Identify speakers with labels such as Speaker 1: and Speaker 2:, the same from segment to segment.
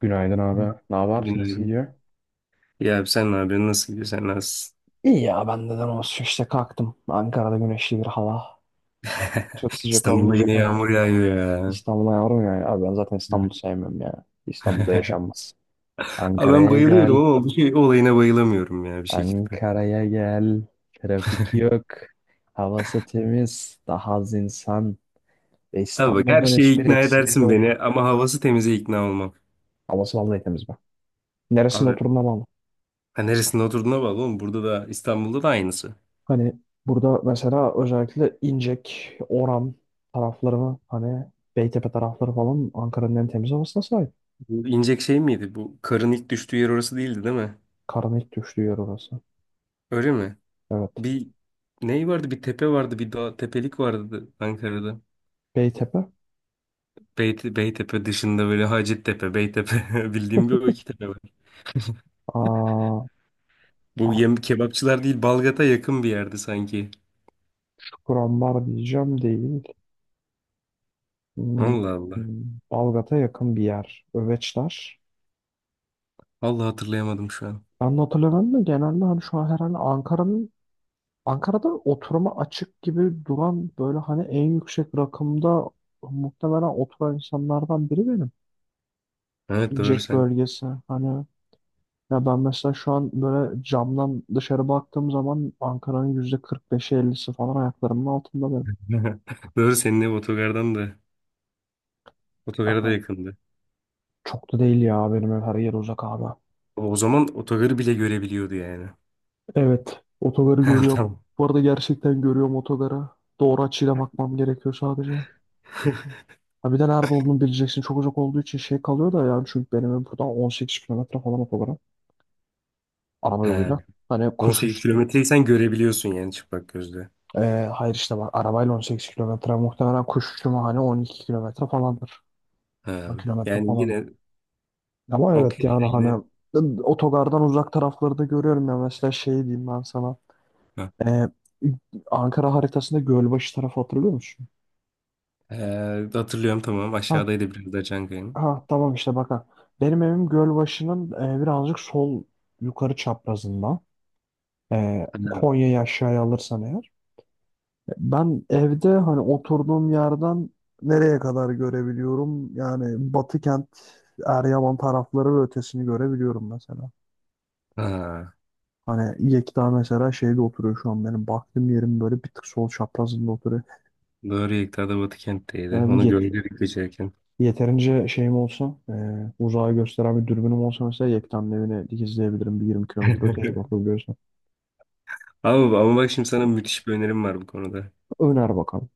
Speaker 1: Günaydın abi. Ne haber? Nasıl
Speaker 2: Günaydın.
Speaker 1: gidiyor?
Speaker 2: Ya abi sen ne yapıyorsun? Nasıl gidiyor? Sen nasılsın?
Speaker 1: İyi ya ben neden olsun işte kalktım. Ankara'da güneşli bir hava. Çok sıcak
Speaker 2: İstanbul'da
Speaker 1: olmayacak
Speaker 2: yine
Speaker 1: ama.
Speaker 2: yağmur yağıyor ya.
Speaker 1: İstanbul'a yavrum ya. Abi ben zaten
Speaker 2: Evet.
Speaker 1: İstanbul'u sevmiyorum ya. İstanbul'da yaşanmaz.
Speaker 2: Abi ben
Speaker 1: Ankara'ya
Speaker 2: bayılıyorum
Speaker 1: gel.
Speaker 2: ama bu şey olayına bayılamıyorum ya bir şekilde.
Speaker 1: Ankara'ya gel. Trafik yok. Havası temiz. Daha az insan. Ve
Speaker 2: Abi bak her
Speaker 1: İstanbul'dan
Speaker 2: şeye
Speaker 1: hiçbir
Speaker 2: ikna
Speaker 1: eksiği
Speaker 2: edersin beni
Speaker 1: yok.
Speaker 2: ama havası temize ikna olmam.
Speaker 1: Havası vallahi temiz be. Neresinde
Speaker 2: Abi
Speaker 1: oturduğuna bağlı.
Speaker 2: ha neresinde oturduğuna bağlı oğlum. Burada da İstanbul'da da aynısı.
Speaker 1: Hani burada mesela özellikle İncek, Oran taraflarını, hani Beytepe tarafları falan Ankara'nın en temiz havasına sahip.
Speaker 2: Bu inecek şey miydi? Bu karın ilk düştüğü yer orası değildi değil mi?
Speaker 1: Karın ilk düştüğü yer orası.
Speaker 2: Öyle mi?
Speaker 1: Evet.
Speaker 2: Bir ney vardı? Bir tepe vardı. Bir dağ tepelik vardı Ankara'da.
Speaker 1: Beytepe.
Speaker 2: Beytepe dışında böyle Hacettepe, Beytepe bildiğim bir o iki tepe var.
Speaker 1: Aa,
Speaker 2: Bu
Speaker 1: artık
Speaker 2: yem kebapçılar değil Balgat'a yakın bir yerde sanki.
Speaker 1: Kurambar diyeceğim, değil. Hmm,
Speaker 2: Allah Allah.
Speaker 1: hmm, Balgat'a yakın bir yer. Öveçler.
Speaker 2: Allah hatırlayamadım şu an.
Speaker 1: Ben de hatırlamıyorum da genelde hani şu an herhalde Ankara'nın, Ankara'da oturuma açık gibi duran böyle hani en yüksek rakımda muhtemelen oturan insanlardan biri benim.
Speaker 2: Evet doğru
Speaker 1: Jack
Speaker 2: sen.
Speaker 1: bölgesi. Hani ya ben mesela şu an böyle camdan dışarı baktığım zaman Ankara'nın yüzde 45'i 50'si falan ayaklarımın altında benim.
Speaker 2: Doğru senin ev otogardan da otogara da
Speaker 1: Ama
Speaker 2: yakındı.
Speaker 1: çok da değil ya, benim ev her yer uzak abi.
Speaker 2: O zaman otogarı bile görebiliyordu yani.
Speaker 1: Evet, otogarı
Speaker 2: Ha,
Speaker 1: görüyorum.
Speaker 2: tamam.
Speaker 1: Bu arada gerçekten görüyorum otogarı. Doğru açıyla bakmam gerekiyor sadece. Ha, bir de nerede olduğunu bileceksin. Çok uzak olduğu için şey kalıyor da, yani çünkü benim ev buradan 18 kilometre falan otogara. Araba
Speaker 2: Ha,
Speaker 1: yoluyla. Hani kuş
Speaker 2: 18
Speaker 1: uçuşu.
Speaker 2: kilometreyi sen görebiliyorsun yani çıplak gözle.
Speaker 1: Hayır işte bak, arabayla 18 kilometre, muhtemelen kuş uçuşu hani 12 kilometre falandır. 10
Speaker 2: Ha,
Speaker 1: kilometre
Speaker 2: yani
Speaker 1: falan.
Speaker 2: yine
Speaker 1: Ama evet,
Speaker 2: okey
Speaker 1: yani
Speaker 2: yine
Speaker 1: hani otogardan uzak tarafları da görüyorum ya. Mesela şey diyeyim ben sana.
Speaker 2: ha.
Speaker 1: Ee, Ankara haritasında Gölbaşı tarafı, hatırlıyor musun?
Speaker 2: Ee, Hatırlıyorum tamam
Speaker 1: Ha,
Speaker 2: aşağıdaydı biraz da Çankaya'nın.
Speaker 1: ha, tamam işte bak ha. Benim evim Gölbaşı'nın birazcık sol yukarı çaprazında.
Speaker 2: Ha.
Speaker 1: Konya'yı aşağıya alırsan eğer. Ben evde hani oturduğum yerden nereye kadar görebiliyorum? Yani Batı kent, Eryaman tarafları ve ötesini görebiliyorum mesela.
Speaker 2: Ha.
Speaker 1: Hani Yekta mesela şeyde oturuyor, şu an benim baktığım yerim böyle bir tık sol çaprazında oturuyor.
Speaker 2: Doğru Yekta da Batıkent'teydi.
Speaker 1: Yani
Speaker 2: Onu gördük geçerken.
Speaker 1: yeterince şeyim olsa, uzağa gösteren bir dürbünüm olsa mesela Yekta'nın evini dikizleyebilirim, bir 20 kilometre öteye bakabiliyorsam.
Speaker 2: Ama bak şimdi sana müthiş bir önerim var bu konuda.
Speaker 1: Öner bakalım.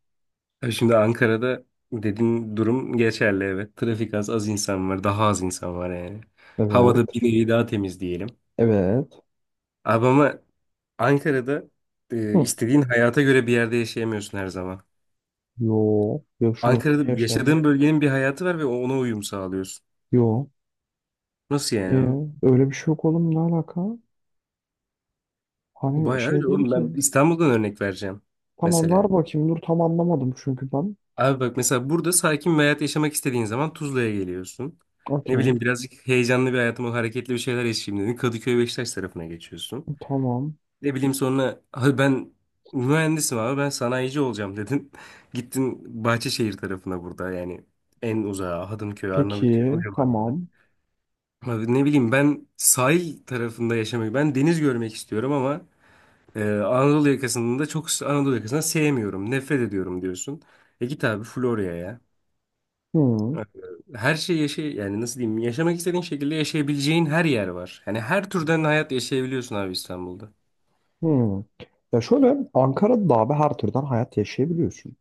Speaker 2: Ya şimdi Ankara'da dediğin durum geçerli evet. Trafik az, az insan var. Daha az insan var yani. Havada
Speaker 1: Evet.
Speaker 2: bir nevi daha temiz diyelim.
Speaker 1: Evet.
Speaker 2: Abi ama Ankara'da
Speaker 1: Hı.
Speaker 2: istediğin hayata göre bir yerde yaşayamıyorsun her zaman.
Speaker 1: Yo. Yaşıyor. Niye
Speaker 2: Ankara'da
Speaker 1: yaşamıyor?
Speaker 2: yaşadığın bölgenin bir hayatı var ve ona uyum sağlıyorsun.
Speaker 1: Yo.
Speaker 2: Nasıl
Speaker 1: E,
Speaker 2: yani?
Speaker 1: öyle bir şey yok oğlum, ne alaka? Hani
Speaker 2: Bayağı
Speaker 1: şey
Speaker 2: öyle
Speaker 1: dedi
Speaker 2: oğlum. Ben
Speaker 1: ki,
Speaker 2: İstanbul'dan örnek vereceğim
Speaker 1: tamam
Speaker 2: mesela.
Speaker 1: ver bakayım, dur tam anlamadım çünkü ben.
Speaker 2: Abi bak mesela burada sakin bir hayat yaşamak istediğin zaman Tuzla'ya geliyorsun. Ne
Speaker 1: Okey.
Speaker 2: bileyim birazcık heyecanlı bir hayatım, o hareketli bir şeyler yaşayayım dedin. Kadıköy Beşiktaş tarafına geçiyorsun.
Speaker 1: Tamam.
Speaker 2: Ne bileyim sonra abi ben mühendisim abi ben sanayici olacağım dedin. Gittin Bahçeşehir tarafına burada yani en uzağa Hadımköy, Arnavutköy o
Speaker 1: Peki.
Speaker 2: civarlara.
Speaker 1: Tamam.
Speaker 2: Abi ne bileyim ben sahil tarafında yaşamayı ben deniz görmek istiyorum ama Anadolu yakasında çok Anadolu yakasını sevmiyorum. Nefret ediyorum diyorsun. E git abi Florya'ya.
Speaker 1: Hı.
Speaker 2: Ee, Her şey yaşa yani nasıl diyeyim yaşamak istediğin şekilde yaşayabileceğin her yer var. Yani her türden hayat yaşayabiliyorsun abi İstanbul'da.
Speaker 1: Hmm. Ya şöyle, Ankara'da da abi her türden hayat yaşayabiliyorsun.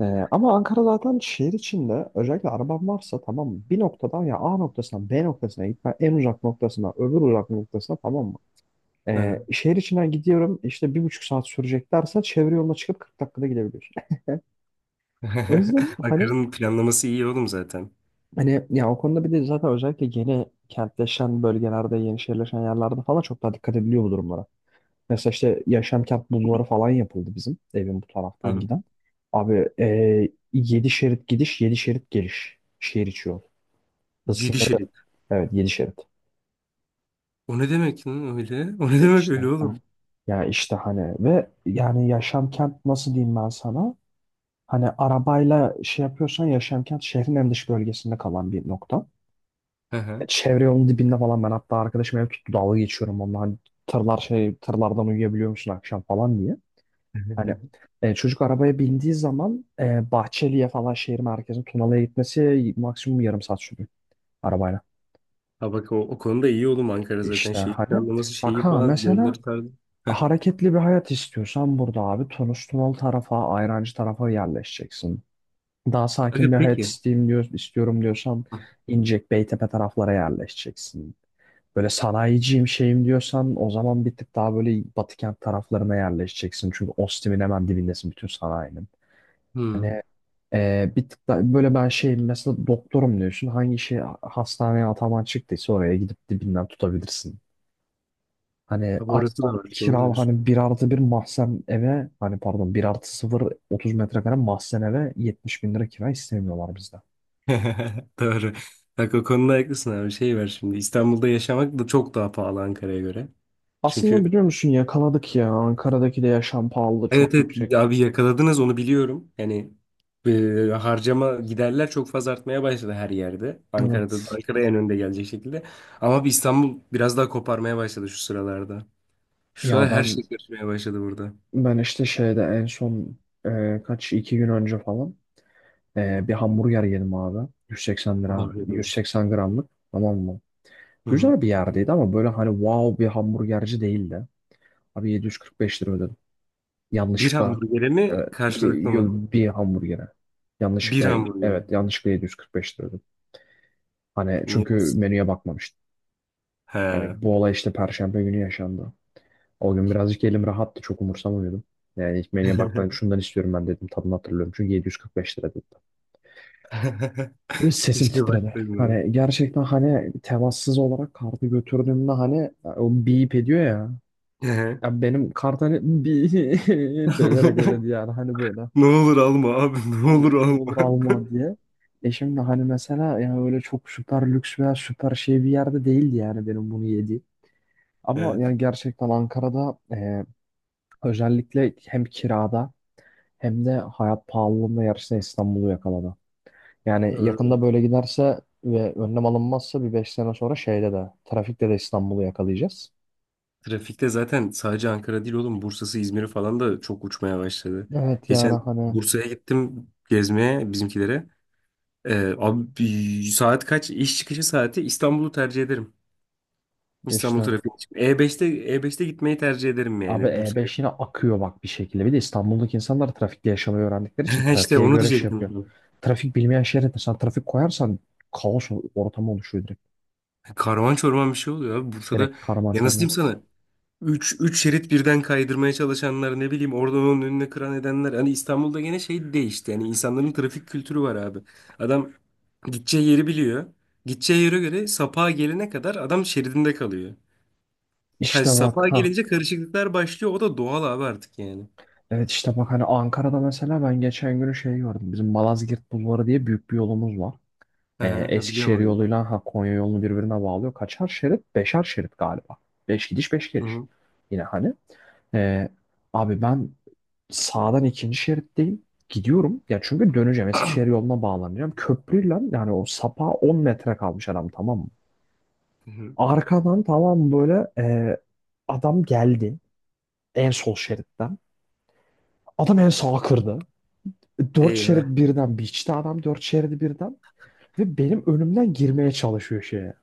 Speaker 1: Ee, ama Ankara zaten şehir içinde, özellikle araban varsa, tamam mı? Bir noktadan, ya A noktasından B noktasına gitme, en uzak noktasına öbür uzak noktasına, tamam mı?
Speaker 2: Hı
Speaker 1: Ee,
Speaker 2: hı.
Speaker 1: şehir içinden gidiyorum işte, 1,5 saat sürecek dersen çevre yoluna çıkıp 40 dakikada gidebiliyorsun. O yüzden hani,
Speaker 2: Ankara'nın planlaması iyi oğlum zaten.
Speaker 1: ya o konuda bir de zaten özellikle yeni kentleşen bölgelerde, yeni şehirleşen yerlerde falan çok daha dikkat ediliyor bu durumlara. Mesela işte Yaşamkent bulvarı falan yapıldı bizim evin bu
Speaker 2: Hı
Speaker 1: taraftan
Speaker 2: hı.
Speaker 1: giden. Abi 7 şerit gidiş, 7 şerit geliş. Şehir içi yol. Hız
Speaker 2: Yedi
Speaker 1: sınırı,
Speaker 2: şerit.
Speaker 1: evet 7 şerit.
Speaker 2: O ne demek lan öyle? O ne
Speaker 1: E
Speaker 2: demek
Speaker 1: İşte
Speaker 2: öyle
Speaker 1: hani,
Speaker 2: oğlum?
Speaker 1: ya işte hani ve yani Yaşamkent nasıl diyeyim ben sana? Hani arabayla şey yapıyorsan, Yaşamkent şehrin en dış bölgesinde kalan bir nokta.
Speaker 2: Hı
Speaker 1: E,
Speaker 2: hı.
Speaker 1: Çevre yolun dibinde falan, ben hatta arkadaşım ev tuttu, dalga geçiyorum onunla hani tırlar, şey, tırlardan uyuyabiliyor musun akşam falan diye. Hani çocuk arabaya bindiği zaman Bahçeli'ye falan, şehir merkezine Tunalı'ya gitmesi maksimum yarım saat sürüyor arabayla.
Speaker 2: Ha bak o konuda iyi oğlum Ankara zaten
Speaker 1: İşte
Speaker 2: şehir
Speaker 1: hani
Speaker 2: planlaması
Speaker 1: bak
Speaker 2: şeyi
Speaker 1: ha,
Speaker 2: falan
Speaker 1: mesela
Speaker 2: yolları tarzı. Heh.
Speaker 1: hareketli bir hayat istiyorsan burada abi, Tunus Tunalı tarafa, Ayrancı tarafa yerleşeceksin. Daha sakin
Speaker 2: Aga
Speaker 1: bir hayat
Speaker 2: peki.
Speaker 1: isteyeyim diyor, istiyorum diyorsan İncek, Beytepe taraflara yerleşeceksin. Böyle sanayiciyim şeyim diyorsan, o zaman bir tık daha böyle Batı kent taraflarına yerleşeceksin. Çünkü Ostim'in hemen dibindesin, bütün sanayinin.
Speaker 2: Hmm.
Speaker 1: Hani bir tık da böyle ben şeyim mesela, doktorum diyorsun. Hangi şey hastaneye ataman çıktıysa oraya gidip dibinden tutabilirsin. Hani
Speaker 2: Abi orası da var doğru
Speaker 1: kira,
Speaker 2: diyorsun.
Speaker 1: hani bir artı bir mahzen eve, hani pardon bir artı sıfır 30 metrekare mahzen eve 70 bin lira kira istemiyorlar bizden.
Speaker 2: Doğru. Bak o konuda haklısın abi. Şey var şimdi. İstanbul'da yaşamak da çok daha pahalı Ankara'ya göre.
Speaker 1: Aslında
Speaker 2: Çünkü
Speaker 1: biliyor musun, yakaladık ya. Ankara'daki de yaşam pahalılığı
Speaker 2: evet
Speaker 1: çok
Speaker 2: evet
Speaker 1: yüksek.
Speaker 2: abi yakaladınız onu biliyorum. Yani harcama giderler çok fazla artmaya başladı her yerde. Ankara'da
Speaker 1: Evet.
Speaker 2: Ankara en önde gelecek şekilde. Ama bir İstanbul biraz daha koparmaya başladı şu sıralarda. Şu
Speaker 1: Ya
Speaker 2: sıralar her
Speaker 1: ben
Speaker 2: şey götürmeye başladı burada.
Speaker 1: ben işte şeyde en son kaç iki gün önce falan bir hamburger yedim abi. 180 lira,
Speaker 2: Afiyet olsun.
Speaker 1: 180 gramlık. Tamam mı?
Speaker 2: Hı hı.
Speaker 1: Güzel bir yerdeydi ama böyle hani wow bir hamburgerci değildi. Abi 745 lira ödedim.
Speaker 2: Bir
Speaker 1: Yanlışlıkla
Speaker 2: hamburgere
Speaker 1: e,
Speaker 2: mi karşılıklı
Speaker 1: bir,
Speaker 2: mı?
Speaker 1: bir hamburgere.
Speaker 2: Bir
Speaker 1: Yanlışlıkla,
Speaker 2: hamburger mi?
Speaker 1: evet yanlışlıkla 745 lira ödedim. Hani
Speaker 2: Niye?
Speaker 1: çünkü
Speaker 2: Nasıl?
Speaker 1: menüye bakmamıştım.
Speaker 2: He.
Speaker 1: Hani bu olay işte Perşembe günü yaşandı. O gün birazcık elim rahattı, çok umursamıyordum. Yani ilk menüye bakmadım, şundan istiyorum ben dedim, tadını hatırlıyorum. Çünkü 745 lira dedim. Ve sesim
Speaker 2: Keşke
Speaker 1: titredi.
Speaker 2: baksaydım.
Speaker 1: Hani gerçekten hani, temassız olarak kartı götürdüğümde hani o beep ediyor ya.
Speaker 2: Ehe.
Speaker 1: Ya benim kart hani, beep ederek ödedi, yani hani böyle.
Speaker 2: Ne olur alma abi, ne olur
Speaker 1: Hani ne olur
Speaker 2: alma.
Speaker 1: alma diye. E şimdi hani mesela, yani öyle çok süper lüks veya süper şey bir yerde değildi yani benim bunu yediğim. Ama
Speaker 2: Evet,
Speaker 1: yani gerçekten Ankara'da özellikle hem kirada hem de hayat pahalılığında yarışta İstanbul'u yakaladı. Yani yakında
Speaker 2: doğru.
Speaker 1: böyle giderse ve önlem alınmazsa, bir 5 sene sonra şeyde de, trafikte de İstanbul'u yakalayacağız.
Speaker 2: Trafikte zaten sadece Ankara değil oğlum, Bursa'sı, İzmir'i falan da çok uçmaya başladı.
Speaker 1: Evet, yani
Speaker 2: Geçen
Speaker 1: hani
Speaker 2: Bursa'ya gittim gezmeye bizimkilere. Abi saat kaç? İş çıkışı saati İstanbul'u tercih ederim.
Speaker 1: işte
Speaker 2: İstanbul trafiği için. E5'te gitmeyi tercih ederim
Speaker 1: abi
Speaker 2: yani Bursa'ya.
Speaker 1: E5 yine akıyor bak bir şekilde. Bir de İstanbul'daki insanlar trafikte yaşamayı öğrendikleri için
Speaker 2: İşte
Speaker 1: trafiğe
Speaker 2: onu
Speaker 1: göre şey yapıyor.
Speaker 2: diyecektim.
Speaker 1: Trafik bilmeyen şehre de sen trafik koyarsan ortamı oluşuyor direkt.
Speaker 2: Karman çorman bir şey oluyor abi Bursa'da.
Speaker 1: Direkt karman
Speaker 2: Ya nasıl
Speaker 1: çorman.
Speaker 2: diyeyim sana? Üç şerit birden kaydırmaya çalışanlar ne bileyim oradan onun önüne kıran edenler. Hani İstanbul'da gene şey değişti. Yani insanların trafik kültürü var abi. Adam gideceği yeri biliyor. Gideceği yere göre sapağa gelene kadar adam şeridinde kalıyor. Ha,
Speaker 1: İşte
Speaker 2: sapağa
Speaker 1: bak ha.
Speaker 2: gelince karışıklıklar başlıyor. O da doğal abi artık yani.
Speaker 1: Evet işte bak, hani Ankara'da mesela ben geçen gün şey gördüm. Bizim Malazgirt Bulvarı diye büyük bir yolumuz var.
Speaker 2: Aha, ha, biliyorum
Speaker 1: Eskişehir
Speaker 2: orayı.
Speaker 1: yoluyla, ha, Konya yolunu birbirine bağlıyor. Kaçar şerit? Beşer şerit galiba. Beş gidiş beş
Speaker 2: Hı
Speaker 1: geliş.
Speaker 2: hı.
Speaker 1: Yine hani. Ee, abi ben sağdan ikinci şeritteyim. Gidiyorum. Ya çünkü döneceğim. Eskişehir yoluna bağlanacağım. Köprüyle, yani o sapa 10 metre kalmış adam, tamam mı?
Speaker 2: Hı hı.
Speaker 1: Arkadan, tamam böyle e, adam geldi. En sol şeritten. Adam en sağa kırdı. Dört şerit
Speaker 2: Eyvah.
Speaker 1: birden biçti adam, dört şeridi birden. Ve benim önümden girmeye çalışıyor şeye.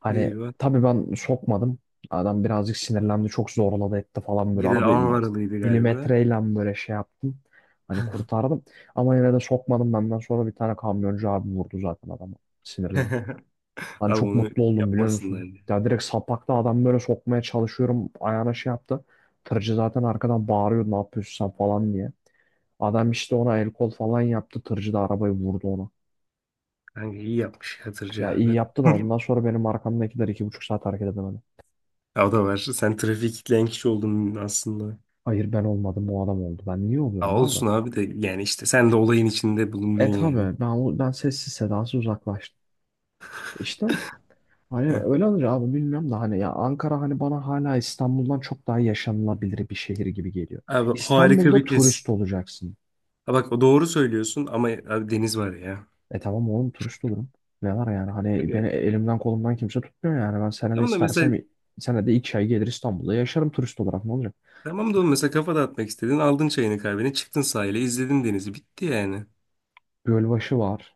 Speaker 1: Hani
Speaker 2: Eyvah.
Speaker 1: tabii ben sokmadım. Adam birazcık sinirlendi. Çok zorladı etti falan böyle.
Speaker 2: Bir de
Speaker 1: Arada
Speaker 2: Anvaralıydı galiba.
Speaker 1: milimetreyle böyle şey yaptım. Hani kurtardım. Ama yine de sokmadım. Benden sonra bir tane kamyoncu abi vurdu zaten adamı. Sinirlenip. Hani
Speaker 2: Abi
Speaker 1: çok
Speaker 2: onu
Speaker 1: mutlu oldum, biliyor
Speaker 2: yapmasınlar
Speaker 1: musun?
Speaker 2: diye.
Speaker 1: Ya direkt sapakta adam böyle sokmaya çalışıyorum. Ayağına şey yaptı. Tırcı zaten arkadan bağırıyor, ne yapıyorsun sen falan diye. Adam işte ona el kol falan yaptı. Tırcı da arabayı vurdu ona.
Speaker 2: Kanka iyi yapmış Hatırcı
Speaker 1: Ya iyi
Speaker 2: abi.
Speaker 1: yaptı da, ondan sonra benim arkamdakiler 2,5 saat hareket edemedi.
Speaker 2: Ya o da var. Sen trafiğe kilitleyen kişi oldun aslında.
Speaker 1: Hayır, ben olmadım, o adam oldu. Ben niye
Speaker 2: Ya
Speaker 1: oluyorum abi?
Speaker 2: olsun abi de yani işte sen de olayın içinde bulundun
Speaker 1: E
Speaker 2: yani.
Speaker 1: tabii ben sessiz sedasız uzaklaştım. İşte hani
Speaker 2: Heh.
Speaker 1: öyle olur abi, bilmiyorum da hani ya Ankara hani bana hala İstanbul'dan çok daha yaşanılabilir bir şehir gibi geliyor.
Speaker 2: Abi harika
Speaker 1: İstanbul'da
Speaker 2: bir tez.
Speaker 1: turist olacaksın.
Speaker 2: Ha bak o doğru söylüyorsun ama abi deniz var ya.
Speaker 1: E tamam oğlum, turist olurum. Ne var yani, hani beni
Speaker 2: Öyle.
Speaker 1: elimden kolumdan kimse tutmuyor, yani ben senede
Speaker 2: Tamam da mesela
Speaker 1: istersem senede 2 ay gelir, İstanbul'da yaşarım turist olarak, ne olacak?
Speaker 2: tamam da oğlum mesela kafa dağıtmak istedin aldın çayını kahveni çıktın sahile izledin denizi bitti yani.
Speaker 1: Gölbaşı var.